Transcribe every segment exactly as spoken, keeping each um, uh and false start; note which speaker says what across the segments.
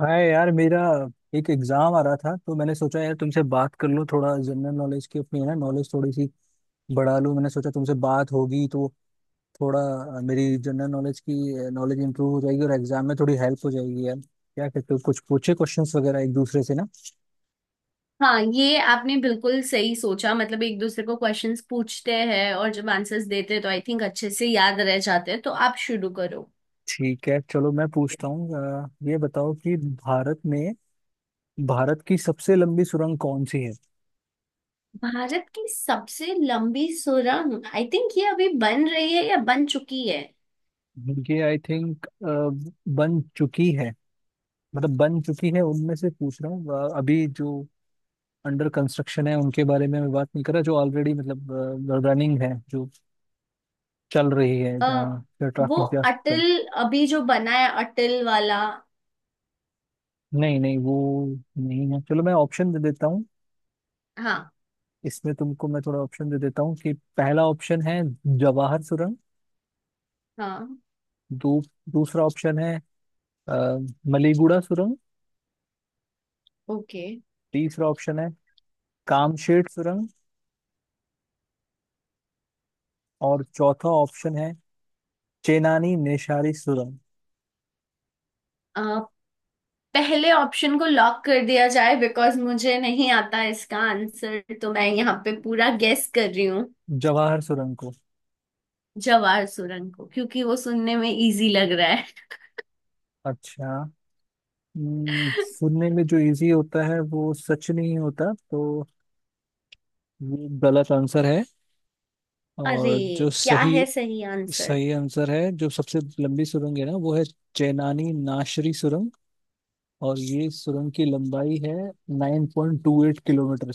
Speaker 1: हाय यार। मेरा एक एग्जाम आ रहा था तो मैंने सोचा यार तुमसे बात कर लूँ, थोड़ा जनरल नॉलेज की अपनी है ना, नॉलेज थोड़ी सी बढ़ा लूँ। मैंने सोचा तुमसे बात होगी तो थोड़ा अ, मेरी जनरल नॉलेज की नॉलेज इंप्रूव हो जाएगी और एग्जाम में थोड़ी हेल्प हो जाएगी यार। क्या कहते हो, कुछ पूछे क्वेश्चंस वगैरह एक दूसरे से ना।
Speaker 2: हाँ, ये आपने बिल्कुल सही सोचा। मतलब एक दूसरे को क्वेश्चंस पूछते हैं और जब आंसर्स देते हैं तो आई थिंक अच्छे से याद रह जाते हैं। तो आप शुरू करो।
Speaker 1: ठीक है, चलो मैं पूछता हूँ। अ, ये बताओ कि भारत में भारत की सबसे लंबी सुरंग कौन सी है।
Speaker 2: भारत की सबसे लंबी सुरंग आई थिंक ये अभी बन रही है या बन चुकी है।
Speaker 1: ये आई थिंक बन चुकी है, मतलब बन चुकी है उनमें से पूछ रहा हूँ। अ, अभी जो अंडर कंस्ट्रक्शन है उनके बारे में मैं बात नहीं कर रहा, जो ऑलरेडी मतलब रनिंग है, जो चल रही है,
Speaker 2: अ,
Speaker 1: जहाँ
Speaker 2: वो
Speaker 1: ट्रैफिक जा सकता
Speaker 2: अटल,
Speaker 1: है।
Speaker 2: अभी जो बना है अटल वाला।
Speaker 1: नहीं नहीं, वो नहीं है। चलो मैं ऑप्शन दे देता हूँ।
Speaker 2: हाँ
Speaker 1: इसमें तुमको मैं थोड़ा ऑप्शन दे देता हूँ कि पहला ऑप्शन है जवाहर सुरंग।
Speaker 2: हाँ।
Speaker 1: दू, दूसरा ऑप्शन है अ, मलीगुड़ा सुरंग।
Speaker 2: ओके।
Speaker 1: तीसरा ऑप्शन है कामशेट सुरंग। और चौथा ऑप्शन है चेनानी नेशारी सुरंग।
Speaker 2: अ, पहले ऑप्शन को लॉक कर दिया जाए बिकॉज मुझे नहीं आता इसका आंसर, तो मैं यहाँ पे पूरा गेस कर रही हूँ।
Speaker 1: जवाहर सुरंग को?
Speaker 2: जवार सुरंग को, क्योंकि वो सुनने में इजी लग रहा है।
Speaker 1: अच्छा। हम्म, सुनने में जो इजी होता है वो सच नहीं होता, तो ये गलत आंसर है।
Speaker 2: अरे,
Speaker 1: और जो
Speaker 2: क्या
Speaker 1: सही
Speaker 2: है सही आंसर?
Speaker 1: सही आंसर है, जो सबसे लंबी सुरंग है ना, वो है चेनानी नाशरी सुरंग। और ये सुरंग की लंबाई है nine point two eight kilometre.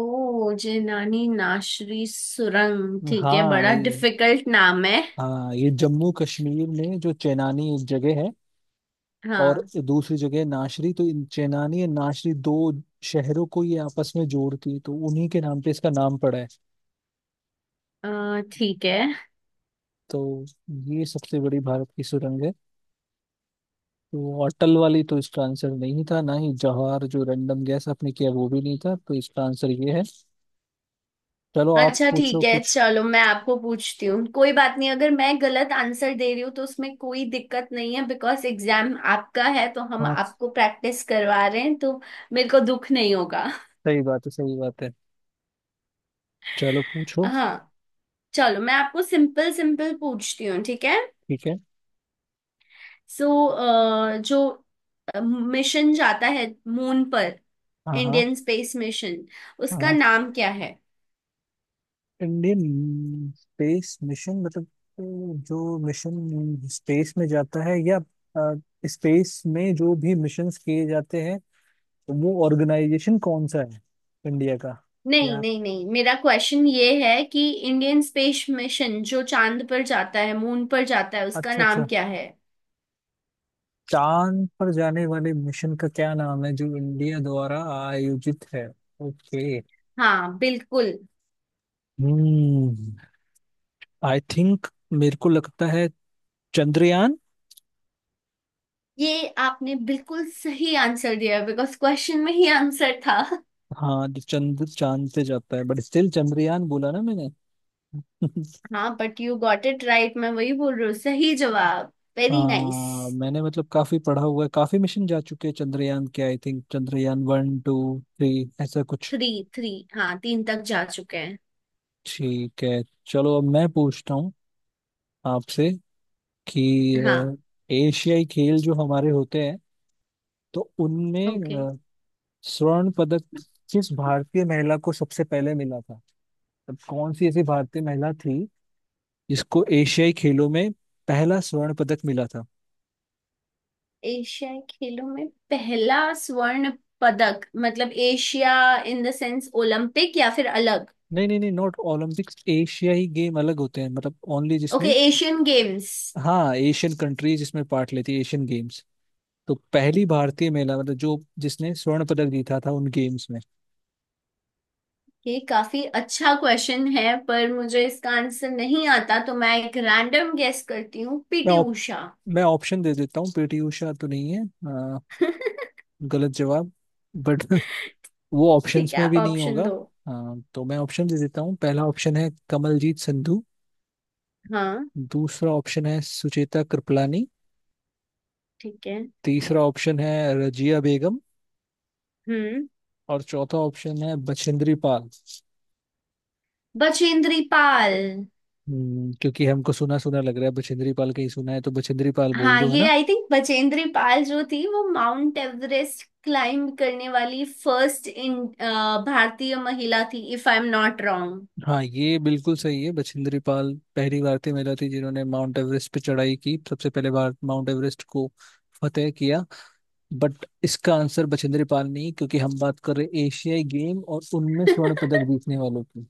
Speaker 2: ओ, जेनानी नाशरी सुरंग, ठीक है।
Speaker 1: हाँ
Speaker 2: बड़ा
Speaker 1: ये,
Speaker 2: डिफिकल्ट नाम है।
Speaker 1: हाँ ये जम्मू कश्मीर में जो चेनानी एक जगह है और
Speaker 2: हाँ।
Speaker 1: दूसरी जगह नाशरी, तो इन चेनानी और नाशरी दो शहरों को ये आपस में जोड़ती है, तो उन्हीं के नाम पे इसका नाम पड़ा है।
Speaker 2: अ, ठीक है।
Speaker 1: तो ये सबसे बड़ी भारत की सुरंग है। तो अटल वाली तो इसका आंसर नहीं था, ना ही जवाहर जो रैंडम गैस आपने किया वो भी नहीं था, तो इसका आंसर ये है। चलो आप
Speaker 2: अच्छा ठीक
Speaker 1: पूछो
Speaker 2: है,
Speaker 1: कुछ।
Speaker 2: चलो मैं आपको पूछती हूँ। कोई बात नहीं, अगर मैं गलत आंसर दे रही हूँ तो उसमें कोई दिक्कत नहीं है बिकॉज एग्जाम आपका है, तो हम
Speaker 1: हाँ।
Speaker 2: आपको प्रैक्टिस करवा रहे हैं तो मेरे को दुख नहीं होगा।
Speaker 1: सही बात है, सही बात है। चलो पूछो।
Speaker 2: हाँ, चलो मैं आपको सिंपल सिंपल पूछती हूँ, ठीक है?
Speaker 1: ठीक है।
Speaker 2: सो, जो मिशन जाता है मून पर,
Speaker 1: हाँ हाँ।
Speaker 2: इंडियन स्पेस मिशन,
Speaker 1: हाँ
Speaker 2: उसका
Speaker 1: हाँ।
Speaker 2: नाम क्या है?
Speaker 1: इंडियन स्पेस मिशन मतलब अ, जो मिशन स्पेस में जाता है, या अ, स्पेस में जो भी मिशंस किए जाते हैं वो ऑर्गेनाइजेशन कौन सा है इंडिया का?
Speaker 2: नहीं
Speaker 1: या
Speaker 2: नहीं नहीं, मेरा क्वेश्चन ये है कि इंडियन स्पेस मिशन जो चांद पर जाता है, मून पर जाता है, उसका
Speaker 1: अच्छा
Speaker 2: नाम
Speaker 1: अच्छा,
Speaker 2: क्या है?
Speaker 1: चांद पर जाने वाले मिशन का क्या नाम है जो इंडिया द्वारा आयोजित है। ओके।
Speaker 2: हाँ बिल्कुल।
Speaker 1: हम्म। आई थिंक, मेरे को लगता है, चंद्रयान।
Speaker 2: ये आपने बिल्कुल सही आंसर दिया बिकॉज क्वेश्चन में ही आंसर था।
Speaker 1: हाँ जो चंद्र चांद पे जाता है, बट स्टिल चंद्रयान बोला ना मैंने।
Speaker 2: हाँ, but you got it right, मैं वही बोल रही हूँ सही जवाब। Very nice.
Speaker 1: हाँ मैंने मतलब काफी पढ़ा हुआ है, काफी मिशन जा चुके हैं चंद्रयान के। I think Chandrayaan one two three ऐसा कुछ।
Speaker 2: थ्री। थ्री। हाँ, तीन तक जा चुके हैं।
Speaker 1: ठीक है। चलो अब मैं पूछता हूँ आपसे कि अ,
Speaker 2: हाँ।
Speaker 1: एशियाई खेल जो हमारे होते हैं तो
Speaker 2: ओके।
Speaker 1: उनमें स्वर्ण पदक किस भारतीय महिला को सबसे पहले मिला था। तब कौन सी ऐसी भारतीय महिला थी जिसको एशियाई खेलों में पहला स्वर्ण पदक मिला था।
Speaker 2: एशियाई खेलों में पहला स्वर्ण पदक, मतलब Asia in the sense Olympic, या फिर अलग?
Speaker 1: नहीं नहीं नहीं, नॉट ओलंपिक्स। एशियाई गेम अलग होते हैं, मतलब ओनली
Speaker 2: ओके,
Speaker 1: जिसमें।
Speaker 2: Asian games.
Speaker 1: हाँ एशियन कंट्रीज इसमें पार्ट लेती है, एशियन गेम्स। तो पहली भारतीय महिला मतलब जो, जिसने स्वर्ण पदक जीता था उन गेम्स में।
Speaker 2: ये काफी अच्छा क्वेश्चन है, पर मुझे इसका आंसर नहीं आता, तो मैं एक रैंडम गेस करती हूँ,
Speaker 1: मैं
Speaker 2: पीटी
Speaker 1: ऑप,
Speaker 2: उषा
Speaker 1: मैं ऑप्शन दे देता हूँ। पीटी उषा तो नहीं है। अ, गलत जवाब। बट वो
Speaker 2: ठीक
Speaker 1: ऑप्शंस
Speaker 2: है,
Speaker 1: में
Speaker 2: आप
Speaker 1: भी नहीं
Speaker 2: ऑप्शन
Speaker 1: होगा।
Speaker 2: दो।
Speaker 1: हाँ, तो मैं ऑप्शन दे देता हूँ। पहला ऑप्शन है कमलजीत संधू।
Speaker 2: हाँ।
Speaker 1: दूसरा ऑप्शन है सुचेता कृपलानी।
Speaker 2: ठीक है।
Speaker 1: तीसरा ऑप्शन है रजिया बेगम।
Speaker 2: हम्म।
Speaker 1: और चौथा ऑप्शन है बछेंद्री पाल।
Speaker 2: बचेंद्री पाल।
Speaker 1: हम्म, क्योंकि हमको सुना सुना लग रहा है, बछेंद्री पाल कहीं सुना है, तो बछेंद्री पाल बोल
Speaker 2: हाँ,
Speaker 1: दो, है
Speaker 2: ये
Speaker 1: ना।
Speaker 2: आई थिंक बचेंद्री पाल जो थी वो माउंट एवरेस्ट क्लाइंब करने वाली फर्स्ट इन भारतीय महिला थी, if I am not wrong.
Speaker 1: हाँ ये बिल्कुल सही है, बछेंद्री पाल पहली भारतीय महिला थी जिन्होंने माउंट एवरेस्ट पे चढ़ाई की, सबसे पहले भारत माउंट एवरेस्ट को फतेह किया। बट इसका आंसर बछेंद्री पाल नहीं, क्योंकि हम बात कर रहे हैं एशियाई गेम और उनमें स्वर्ण पदक जीतने वालों की।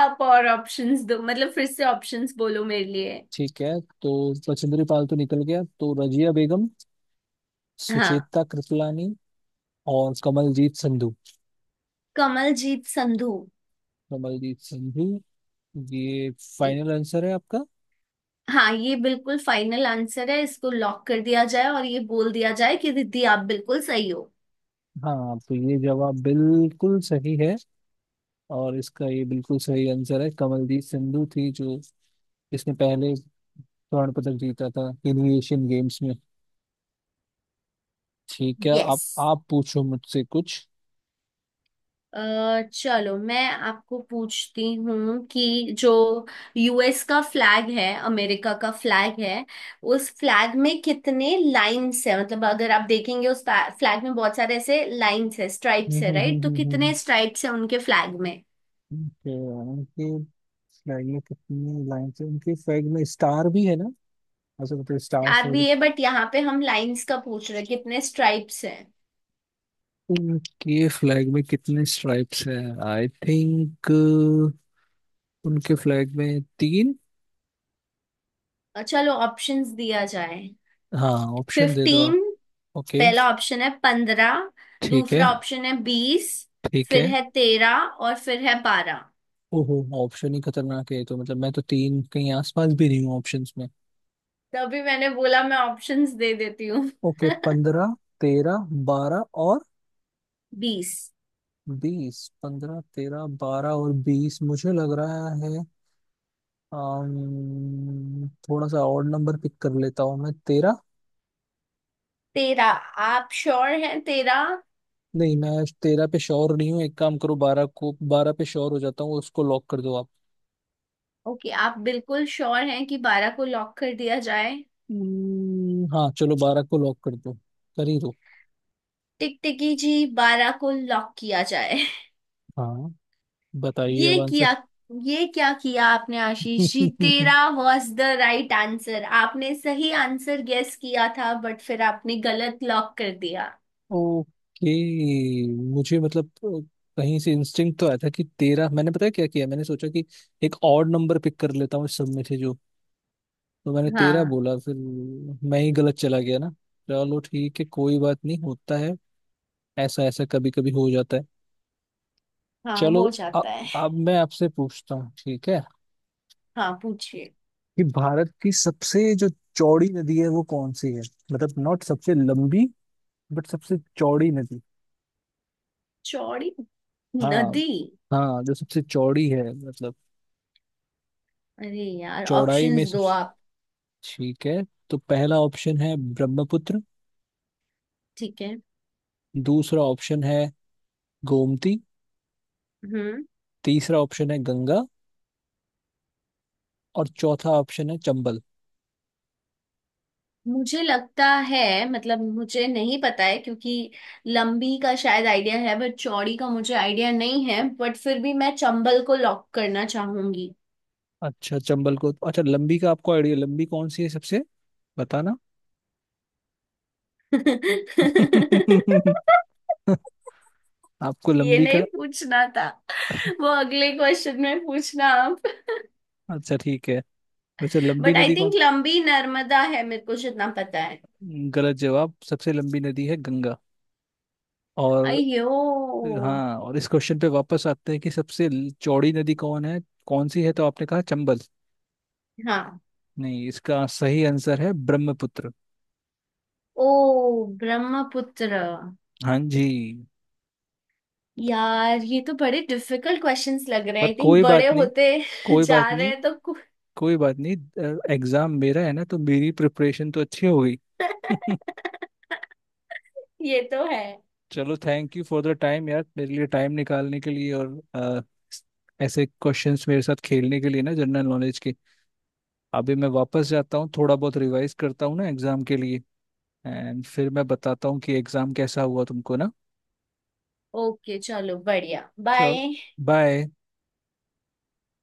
Speaker 2: आप और ऑप्शंस दो, मतलब फिर से ऑप्शंस बोलो मेरे लिए।
Speaker 1: ठीक है। तो बछेंद्री पाल तो निकल गया, तो रजिया बेगम,
Speaker 2: हाँ।
Speaker 1: सुचेता कृपलानी और कमलजीत संधू।
Speaker 2: कमलजीत संधू।
Speaker 1: कमलजीत संधू, ये फाइनल आंसर है आपका?
Speaker 2: हाँ, ये बिल्कुल फाइनल आंसर है, इसको लॉक कर दिया जाए, और ये बोल दिया जाए कि दीदी, आप बिल्कुल सही हो।
Speaker 1: हाँ, तो ये जवाब बिल्कुल सही है। और इसका ये बिल्कुल सही आंसर है, कमलजीत संधू थी जो, इसने पहले स्वर्ण पदक जीता था इन एशियन गेम्स में। ठीक है,
Speaker 2: यस।
Speaker 1: अब आप पूछो मुझसे कुछ।
Speaker 2: अ, चलो मैं आपको पूछती हूँ कि जो यू एस का फ्लैग है, अमेरिका का फ्लैग है, उस फ्लैग में कितने लाइन्स है? मतलब अगर आप देखेंगे, उस फ्लैग में बहुत सारे ऐसे लाइन्स है, स्ट्राइप्स है,
Speaker 1: उनके
Speaker 2: राइट? तो कितने स्ट्राइप्स है उनके फ्लैग में?
Speaker 1: फ्लैग में कितनी लाइन्स है? उनके फ्लैग में स्टार भी है ना, ऐसा, मतलब स्टार्स
Speaker 2: स्टार भी
Speaker 1: वगैरह।
Speaker 2: है, बट यहाँ पे हम लाइन्स का पूछ रहे हैं, कितने स्ट्राइप्स है?
Speaker 1: उनके फ्लैग में कितने स्ट्राइप्स हैं? आई थिंक उनके फ्लैग में तीन।
Speaker 2: चलो ऑप्शंस दिया जाए।
Speaker 1: हाँ, ऑप्शन दे दो आप।
Speaker 2: फिफ्टीन।
Speaker 1: ओके।
Speaker 2: पहला ऑप्शन है पंद्रह।
Speaker 1: ठीक है।
Speaker 2: दूसरा ऑप्शन है बीस।
Speaker 1: ठीक
Speaker 2: फिर
Speaker 1: है।
Speaker 2: है तेरह, और फिर है बारह।
Speaker 1: ओहो, ऑप्शन ही खतरनाक है, तो मतलब मैं तो तीन कहीं आसपास भी नहीं हूँ ऑप्शंस में।
Speaker 2: तभी मैंने बोला, मैं ऑप्शंस दे देती हूँ।
Speaker 1: ओके, पंद्रह तेरह बारह और
Speaker 2: बीस।
Speaker 1: बीस पंद्रह तेरह बारह और बीस मुझे लग रहा है। अम्म, थोड़ा सा और नंबर पिक कर लेता हूँ मैं, तेरह।
Speaker 2: तेरा। आप श्योर हैं तेरा?
Speaker 1: नहीं, मैं तेरह पे श्योर नहीं हूँ। एक काम करो, बारह को, बारह पे श्योर हो जाता हूँ, उसको लॉक कर दो आप।
Speaker 2: ओके, आप बिल्कुल श्योर हैं कि बारह को लॉक कर दिया जाए?
Speaker 1: हम्म, हाँ चलो बारह को लॉक कर दो, कर ही दो।
Speaker 2: टिकटिकी जी, बारह को लॉक किया जाए।
Speaker 1: हाँ, बताइए अब
Speaker 2: ये
Speaker 1: आंसर।
Speaker 2: किया! ये क्या किया आपने आशीष जी, तेरा वॉज द राइट आंसर, आपने सही आंसर गेस किया था बट फिर आपने गलत लॉक कर दिया।
Speaker 1: ओके। मुझे मतलब अ, कहीं से इंस्टिंक्ट तो आया था कि तेरह। मैंने पता है क्या किया, मैंने सोचा कि एक और नंबर पिक कर लेता हूँ इस सब में से जो, तो मैंने तेरह
Speaker 2: हाँ।
Speaker 1: बोला, फिर मैं ही गलत चला गया ना। चलो ठीक है, कोई बात नहीं, होता है ऐसा। ऐसा कभी कभी हो जाता है।
Speaker 2: हाँ,
Speaker 1: चलो
Speaker 2: हो
Speaker 1: अ-
Speaker 2: जाता है।
Speaker 1: अब मैं आपसे पूछता हूँ, ठीक है,
Speaker 2: हाँ, पूछिए।
Speaker 1: कि भारत की सबसे जो चौड़ी नदी है वो कौन सी है, मतलब नॉट सबसे लंबी, बट सबसे चौड़ी नदी।
Speaker 2: चौड़ी
Speaker 1: हाँ,
Speaker 2: नदी?
Speaker 1: हाँ जो सबसे चौड़ी है, मतलब
Speaker 2: अरे यार,
Speaker 1: चौड़ाई
Speaker 2: ऑप्शंस
Speaker 1: में
Speaker 2: दो
Speaker 1: सबसे।
Speaker 2: आप।
Speaker 1: ठीक है, तो पहला ऑप्शन है ब्रह्मपुत्र।
Speaker 2: ठीक है।
Speaker 1: दूसरा ऑप्शन है गोमती।
Speaker 2: हम्म।
Speaker 1: तीसरा ऑप्शन है गंगा। और चौथा ऑप्शन है चंबल।
Speaker 2: मुझे लगता है, मतलब मुझे नहीं पता है क्योंकि लंबी का शायद आइडिया है बट चौड़ी का मुझे आइडिया नहीं है, बट फिर भी मैं चंबल को लॉक करना चाहूंगी।
Speaker 1: अच्छा, चंबल को? अच्छा, लंबी का आपको आइडिया? लंबी कौन सी है सबसे, बताना। आपको
Speaker 2: ये
Speaker 1: लंबी
Speaker 2: नहीं
Speaker 1: का?
Speaker 2: पूछना था, वो अगले क्वेश्चन में पूछना आप।
Speaker 1: अच्छा ठीक है, वैसे लंबी
Speaker 2: बट आई
Speaker 1: नदी
Speaker 2: थिंक
Speaker 1: कौन?
Speaker 2: लंबी नर्मदा है, मेरे को जितना पता है।
Speaker 1: गलत जवाब, सबसे लंबी नदी है गंगा। और,
Speaker 2: अयो।
Speaker 1: हाँ, और इस क्वेश्चन पे वापस आते हैं कि सबसे ल- चौड़ी नदी कौन है, कौन सी है। तो आपने कहा चंबल,
Speaker 2: हाँ।
Speaker 1: नहीं, इसका सही आंसर है ब्रह्मपुत्र।
Speaker 2: ओ, ब्रह्मपुत्र।
Speaker 1: हाँ जी।
Speaker 2: यार, ये तो बड़े डिफिकल्ट क्वेश्चंस लग रहे हैं,
Speaker 1: पर
Speaker 2: आई थिंक
Speaker 1: कोई
Speaker 2: बड़े
Speaker 1: बात नहीं,
Speaker 2: होते
Speaker 1: कोई बात
Speaker 2: जा रहे
Speaker 1: नहीं,
Speaker 2: हैं तो कु-
Speaker 1: कोई बात नहीं। एग्जाम मेरा है ना तो मेरी प्रिपरेशन तो अच्छी हो गई।
Speaker 2: ये तो है।
Speaker 1: चलो thank you for the time यार, मेरे लिए टाइम निकालने के लिए, और अ, ऐसे क्वेश्चंस मेरे साथ खेलने के लिए ना, जनरल नॉलेज के। अभी मैं वापस जाता हूँ, थोड़ा बहुत रिवाइज करता हूँ ना एग्जाम के लिए। एंड फिर मैं बताता हूँ कि एग्जाम कैसा हुआ तुमको ना।
Speaker 2: ओके, चलो बढ़िया,
Speaker 1: चलो
Speaker 2: बाय।
Speaker 1: बाय।